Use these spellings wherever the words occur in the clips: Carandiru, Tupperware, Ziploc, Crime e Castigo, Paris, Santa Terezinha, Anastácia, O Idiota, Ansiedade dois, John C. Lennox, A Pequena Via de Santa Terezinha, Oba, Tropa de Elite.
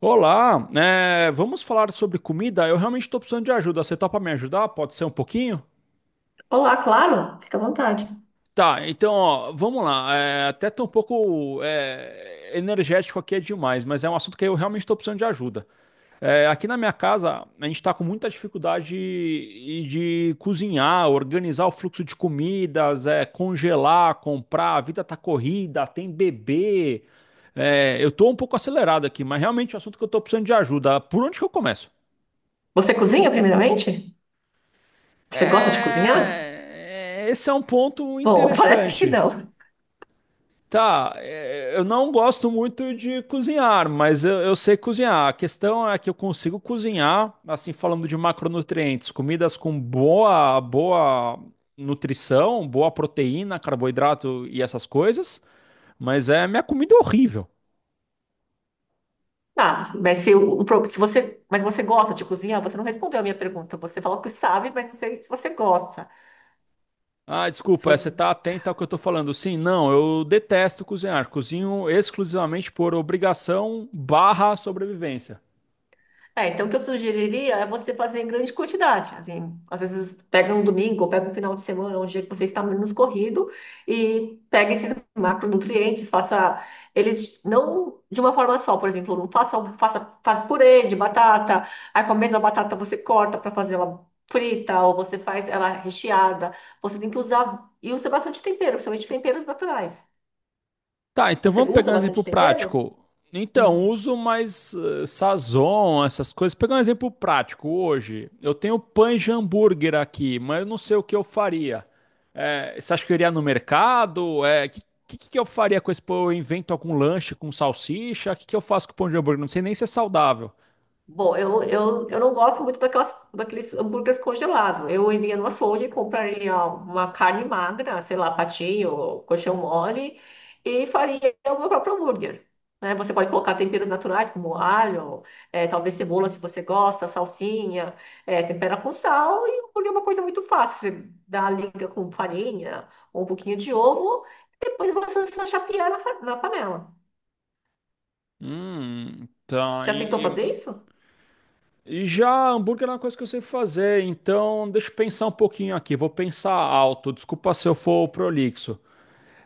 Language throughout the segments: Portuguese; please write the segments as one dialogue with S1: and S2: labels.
S1: Olá, vamos falar sobre comida? Eu realmente estou precisando de ajuda. Você topa me ajudar? Pode ser um pouquinho?
S2: Olá, claro, fica à vontade.
S1: Tá, então, ó, vamos lá. Até tô um pouco energético aqui é demais, mas é um assunto que eu realmente estou precisando de ajuda. É, aqui na minha casa, a gente está com muita dificuldade de cozinhar, organizar o fluxo de comidas, é, congelar, comprar. A vida tá corrida, tem bebê. É, eu tô um pouco acelerado aqui, mas realmente é um assunto que eu estou precisando de ajuda. Por onde que eu começo?
S2: Você cozinha, primeiramente? Você gosta de cozinhar?
S1: Esse é um ponto
S2: Bom, parece que
S1: interessante.
S2: não.
S1: Tá, é, eu não gosto muito de cozinhar, mas eu sei cozinhar. A questão é que eu consigo cozinhar, assim, falando de macronutrientes, comidas com boa nutrição, boa proteína, carboidrato e essas coisas, mas é minha comida é horrível.
S2: Tá, mas se, se você, mas você gosta de cozinhar? Você não respondeu a minha pergunta. Você falou que sabe, mas não sei se você gosta.
S1: Ah, desculpa, é, você tá atento ao que eu tô falando. Sim, não, eu detesto cozinhar. Cozinho exclusivamente por obrigação barra sobrevivência.
S2: Então o que eu sugeriria é você fazer em grande quantidade. Assim, às vezes pega um domingo, ou pega um final de semana, um dia que você está menos corrido, e pega esses macronutrientes, faça eles não de uma forma só, por exemplo, não faça, faça, faça purê de batata, aí com a mesma batata você corta para fazer ela frita, ou você faz ela recheada. Você tem que usar, e usa bastante tempero, principalmente temperos naturais.
S1: Tá, então
S2: Você
S1: vamos pegar
S2: usa
S1: um exemplo
S2: bastante tempero?
S1: prático. Então,
S2: Hum.
S1: uso mais Sazon, essas coisas. Pegar um exemplo prático hoje. Eu tenho pães de hambúrguer aqui, mas eu não sei o que eu faria. Você acha que eu iria no mercado? Que eu faria com esse pão? Eu invento algum lanche com salsicha? Que eu faço com o pão de hambúrguer? Não sei nem se é saudável.
S2: Bom, eu não gosto muito daqueles hambúrgueres congelados. Eu iria no açougue, compraria uma carne magra, sei lá, patinho, coxão mole, e faria o meu próprio hambúrguer. Né? Você pode colocar temperos naturais, como alho, talvez cebola, se você gosta, salsinha, tempera com sal, e o hambúrguer é uma coisa muito fácil. Você dá a liga com farinha, um pouquinho de ovo, e depois você só chapear na panela.
S1: Tá.
S2: Você já tentou fazer isso?
S1: Já hambúrguer é uma coisa que eu sei fazer, então deixa eu pensar um pouquinho aqui. Vou pensar alto. Desculpa se eu for prolixo.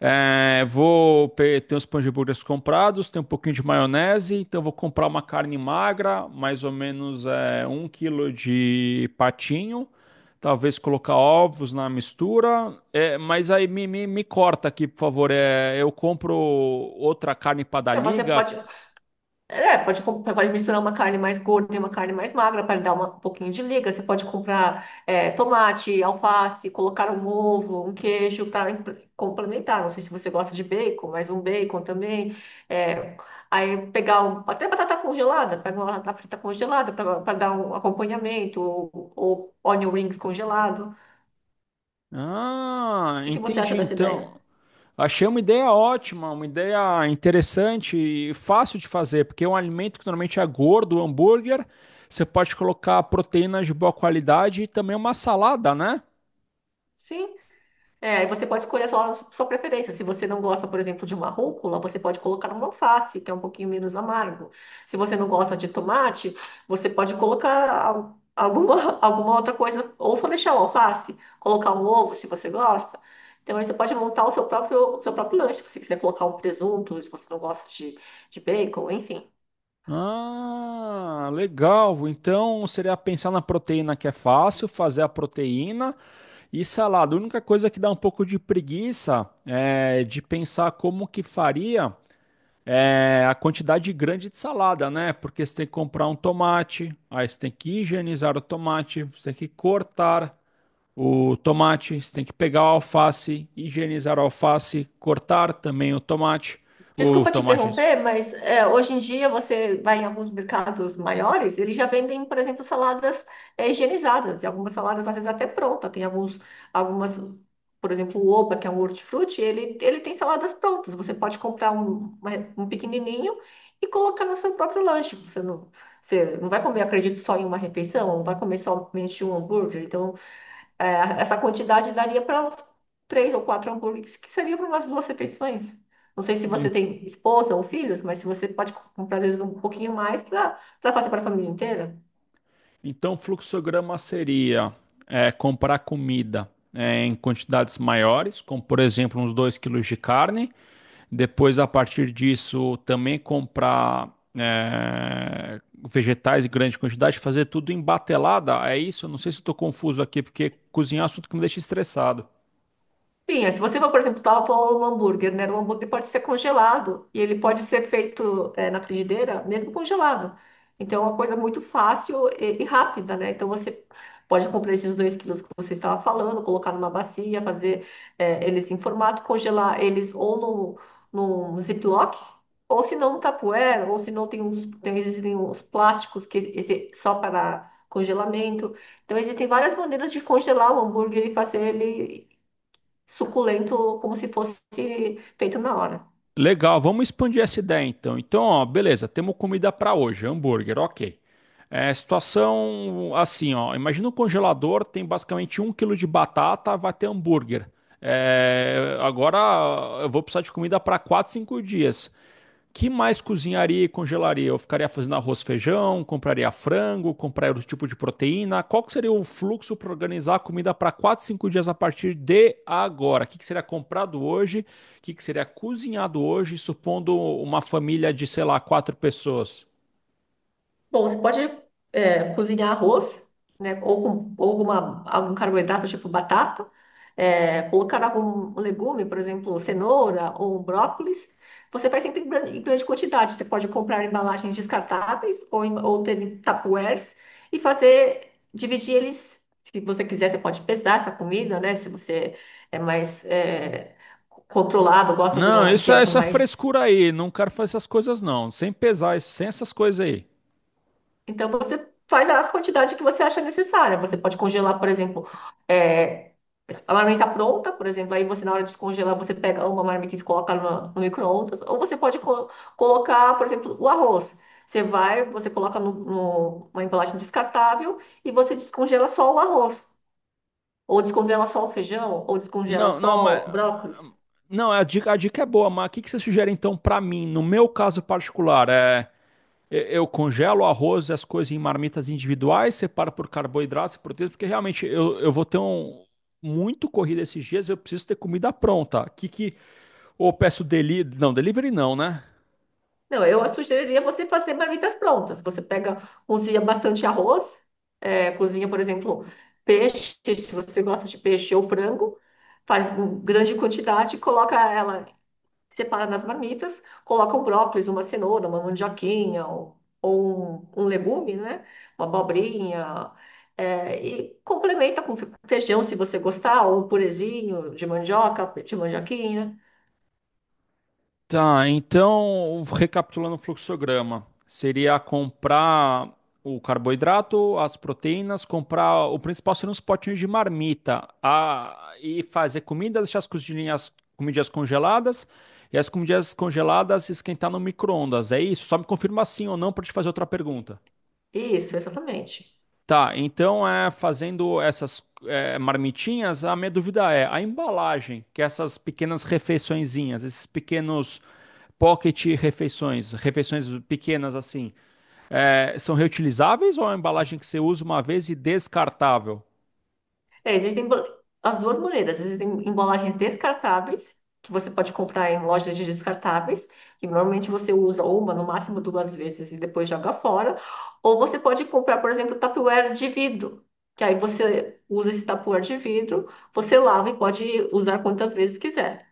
S1: É, ter os pães de burgers comprados, tem um pouquinho de maionese, então vou comprar uma carne magra, mais ou menos é, 1 kg de patinho, talvez colocar ovos na mistura, é, mas aí me corta aqui, por favor. É, eu compro outra carne para dar
S2: É, você
S1: liga.
S2: pode. É, pode, pode misturar uma carne mais gorda e uma carne mais magra para dar um pouquinho de liga. Você pode comprar é, tomate, alface, colocar um ovo, um queijo para complementar. Não sei se você gosta de bacon, mas um bacon também. É, aí pegar até batata congelada, pega uma batata frita congelada para dar um acompanhamento, ou onion rings congelado. O
S1: Ah,
S2: que que você
S1: entendi
S2: acha dessa ideia?
S1: então. Achei uma ideia ótima, uma ideia interessante e fácil de fazer, porque é um alimento que normalmente é gordo, hambúrguer. Você pode colocar proteínas de boa qualidade e também uma salada, né?
S2: Sim. É, e você pode escolher a sua preferência. Se você não gosta, por exemplo, de uma rúcula, você pode colocar uma alface, que é um pouquinho menos amargo. Se você não gosta de tomate, você pode colocar alguma outra coisa, ou só deixar o alface, colocar um ovo, se você gosta. Então, aí você pode montar o seu próprio lanche, se você quiser colocar um presunto, se você não gosta de bacon, enfim.
S1: Ah, legal. Então seria pensar na proteína que é fácil, fazer a proteína e salada. A única coisa que dá um pouco de preguiça é de pensar como que faria. É, a quantidade grande de salada, né? Porque você tem que comprar um tomate, aí você tem que higienizar o tomate, você tem que cortar o tomate, você tem que pegar o alface, higienizar o alface, cortar também o
S2: Desculpa te
S1: tomate.
S2: interromper, mas é, hoje em dia você vai em alguns mercados maiores, eles já vendem, por exemplo, saladas é, higienizadas, e algumas saladas às vezes até pronta. Tem alguns, algumas, por exemplo, o Oba, que é um hortifruti, ele tem saladas prontas. Você pode comprar um, um pequenininho e colocar no seu próprio lanche. Você não vai comer, acredito, só em uma refeição, não vai comer somente um hambúrguer. Então, é, essa quantidade daria para uns três ou quatro hambúrgueres, que seria para umas duas refeições. Não sei se você
S1: Em-
S2: tem esposa ou filhos, mas se você pode comprar, às vezes, um pouquinho mais para fazer para a família inteira.
S1: Então, o fluxograma seria é, comprar comida é, em quantidades maiores, como por exemplo uns 2 kg de carne. Depois, a partir disso, também comprar é, vegetais em grande quantidade, fazer tudo em batelada. É isso? Eu não sei se estou confuso aqui, porque cozinhar é um assunto que me deixa estressado.
S2: Sim, é, se você for, por exemplo, tal para um hambúrguer, né? O hambúrguer pode ser congelado e ele pode ser feito é, na frigideira, mesmo congelado. Então, é uma coisa muito fácil e rápida, né? Então, você pode comprar esses dois quilos que você estava falando, colocar numa bacia, fazer é, eles em formato, congelar eles ou no Ziploc, ou se não no Tupperware, ou se não tem uns, tem, existem uns plásticos que esse, só para congelamento. Então, existem várias maneiras de congelar o hambúrguer e fazer ele suculento, como se fosse feito na hora.
S1: Legal, vamos expandir essa ideia então. Então, ó, beleza, temos comida para hoje, hambúrguer, ok. É, situação assim, ó. Imagina um congelador, tem basicamente 1 kg de batata, vai ter hambúrguer. É, agora eu vou precisar de comida para 4, 5 dias. Que mais cozinharia e congelaria? Eu ficaria fazendo arroz, feijão, compraria frango, compraria outro tipo de proteína. Qual que seria o fluxo para organizar a comida para 4 5 dias a partir de agora? O que que seria comprado hoje? O que que seria cozinhado hoje, supondo uma família de, sei lá, quatro pessoas?
S2: Bom, você pode é, cozinhar arroz, né? Ou com ou alguma, algum carboidrato, tipo batata. É, colocar algum legume, por exemplo, cenoura ou um brócolis. Você faz sempre em em grande quantidade. Você pode comprar embalagens descartáveis ou, ou ter em tupperwares e fazer, dividir eles. Se você quiser, você pode pesar essa comida, né? Se você é mais é, controlado, gosta de
S1: Não,
S2: uma dieta
S1: isso é
S2: mais.
S1: frescura aí. Não quero fazer essas coisas, não. Sem pesar isso, sem essas coisas aí.
S2: Então você faz a quantidade que você acha necessária. Você pode congelar, por exemplo, é, a marmita pronta, por exemplo, aí você na hora de descongelar, você pega uma marmita e coloca no micro-ondas, ou você pode colocar, por exemplo, o arroz. Você vai, você coloca uma embalagem descartável e você descongela só o arroz, ou descongela só o feijão, ou descongela
S1: Não, não, mas.
S2: só o brócolis.
S1: Não, a dica é boa, mas o que que você sugere então para mim, no meu caso particular? É. Eu congelo o arroz e as coisas em marmitas individuais, separo por carboidrato e proteína, porque realmente eu vou ter um muito corrida esses dias, eu preciso ter comida pronta. Que ou eu peço delivery não, né?
S2: Não, eu sugeriria você fazer marmitas prontas. Você pega, cozinha bastante arroz, é, cozinha, por exemplo, peixe, se você gosta de peixe ou frango, faz uma grande quantidade, coloca ela, separa nas marmitas, coloca um brócolis, uma cenoura, uma mandioquinha ou um legume, né? Uma abobrinha. É, e complementa com feijão, se você gostar, ou um purezinho de mandioca, de mandioquinha.
S1: Tá, então, recapitulando o fluxograma, seria comprar o carboidrato, as proteínas, comprar o principal seriam os potinhos de marmita, a, e fazer comida, deixar as cozinhas, comidas congeladas, e as comidas congeladas esquentar no micro-ondas. É isso? Só me confirma sim ou não para te fazer outra pergunta.
S2: Isso, exatamente.
S1: Tá, então é fazendo essas é, marmitinhas, a minha dúvida é a embalagem, que é essas pequenas refeiçõezinhas, esses pequenos pocket refeições, refeições pequenas assim, é, são reutilizáveis ou é uma embalagem que você usa uma vez e descartável?
S2: É, existem as duas maneiras. Existem embalagens descartáveis, que você pode comprar em lojas de descartáveis, que normalmente você usa uma, no máximo duas vezes e depois joga fora. Ou você pode comprar, por exemplo, Tupperware de vidro, que aí você usa esse Tupperware de vidro, você lava e pode usar quantas vezes quiser.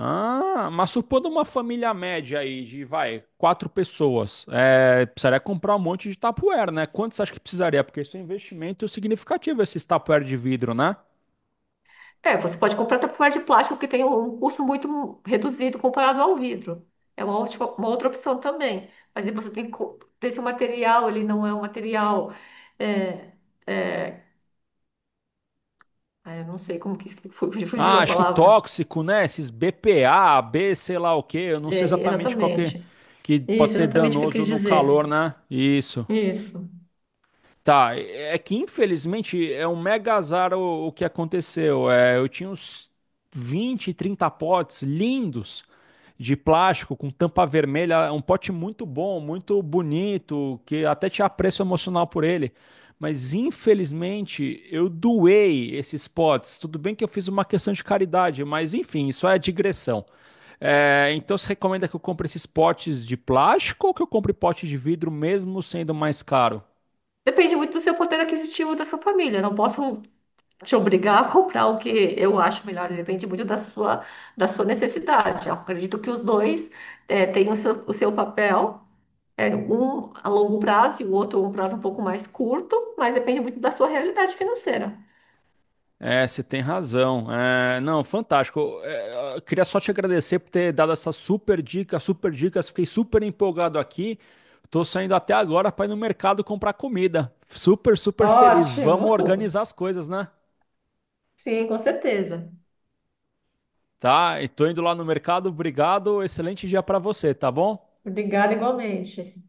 S1: Ah, mas supondo uma família média aí de, vai, quatro pessoas, é, precisaria comprar um monte de Tupperware, né? Quantos acha que precisaria? Porque isso é um investimento significativo, esses Tupperware de vidro, né?
S2: É, você pode comprar tapuér de plástico que tem um custo muito reduzido comparado ao vidro. É uma ótima, uma outra opção também. Mas aí você tem que ver se o material ele não é um material. É, é, eu não sei como que fugiu
S1: Ah,
S2: a
S1: acho que
S2: palavra.
S1: tóxico, né? Esses BPA, B, sei lá o quê. Eu não sei
S2: É,
S1: exatamente qual
S2: exatamente.
S1: que pode
S2: Isso,
S1: ser
S2: exatamente o que eu
S1: danoso
S2: quis
S1: no calor,
S2: dizer.
S1: né? Isso.
S2: Isso.
S1: Tá, é que infelizmente é um mega azar o que aconteceu. É, eu tinha uns 20, 30 potes lindos de plástico com tampa vermelha, um pote muito bom, muito bonito, que até tinha apreço emocional por ele. Mas infelizmente eu doei esses potes. Tudo bem que eu fiz uma questão de caridade, mas enfim, isso é digressão. É, então você recomenda que eu compre esses potes de plástico ou que eu compre pote de vidro mesmo sendo mais caro?
S2: Depende muito do seu poder aquisitivo da sua família. Não posso te obrigar a comprar o que eu acho melhor, depende muito da da sua necessidade. Eu acredito que os dois têm o seu papel, um a longo prazo e o outro um prazo um pouco mais curto, mas depende muito da sua realidade financeira.
S1: É, você tem razão. É, não, fantástico. É, eu queria só te agradecer por ter dado essa super dica, super dicas. Fiquei super empolgado aqui. Tô saindo até agora para ir no mercado comprar comida. Super, super feliz. Vamos
S2: Ótimo!
S1: organizar as coisas, né?
S2: Sim, com certeza.
S1: Tá? E tô indo lá no mercado. Obrigado. Excelente dia para você, tá bom?
S2: Obrigada igualmente.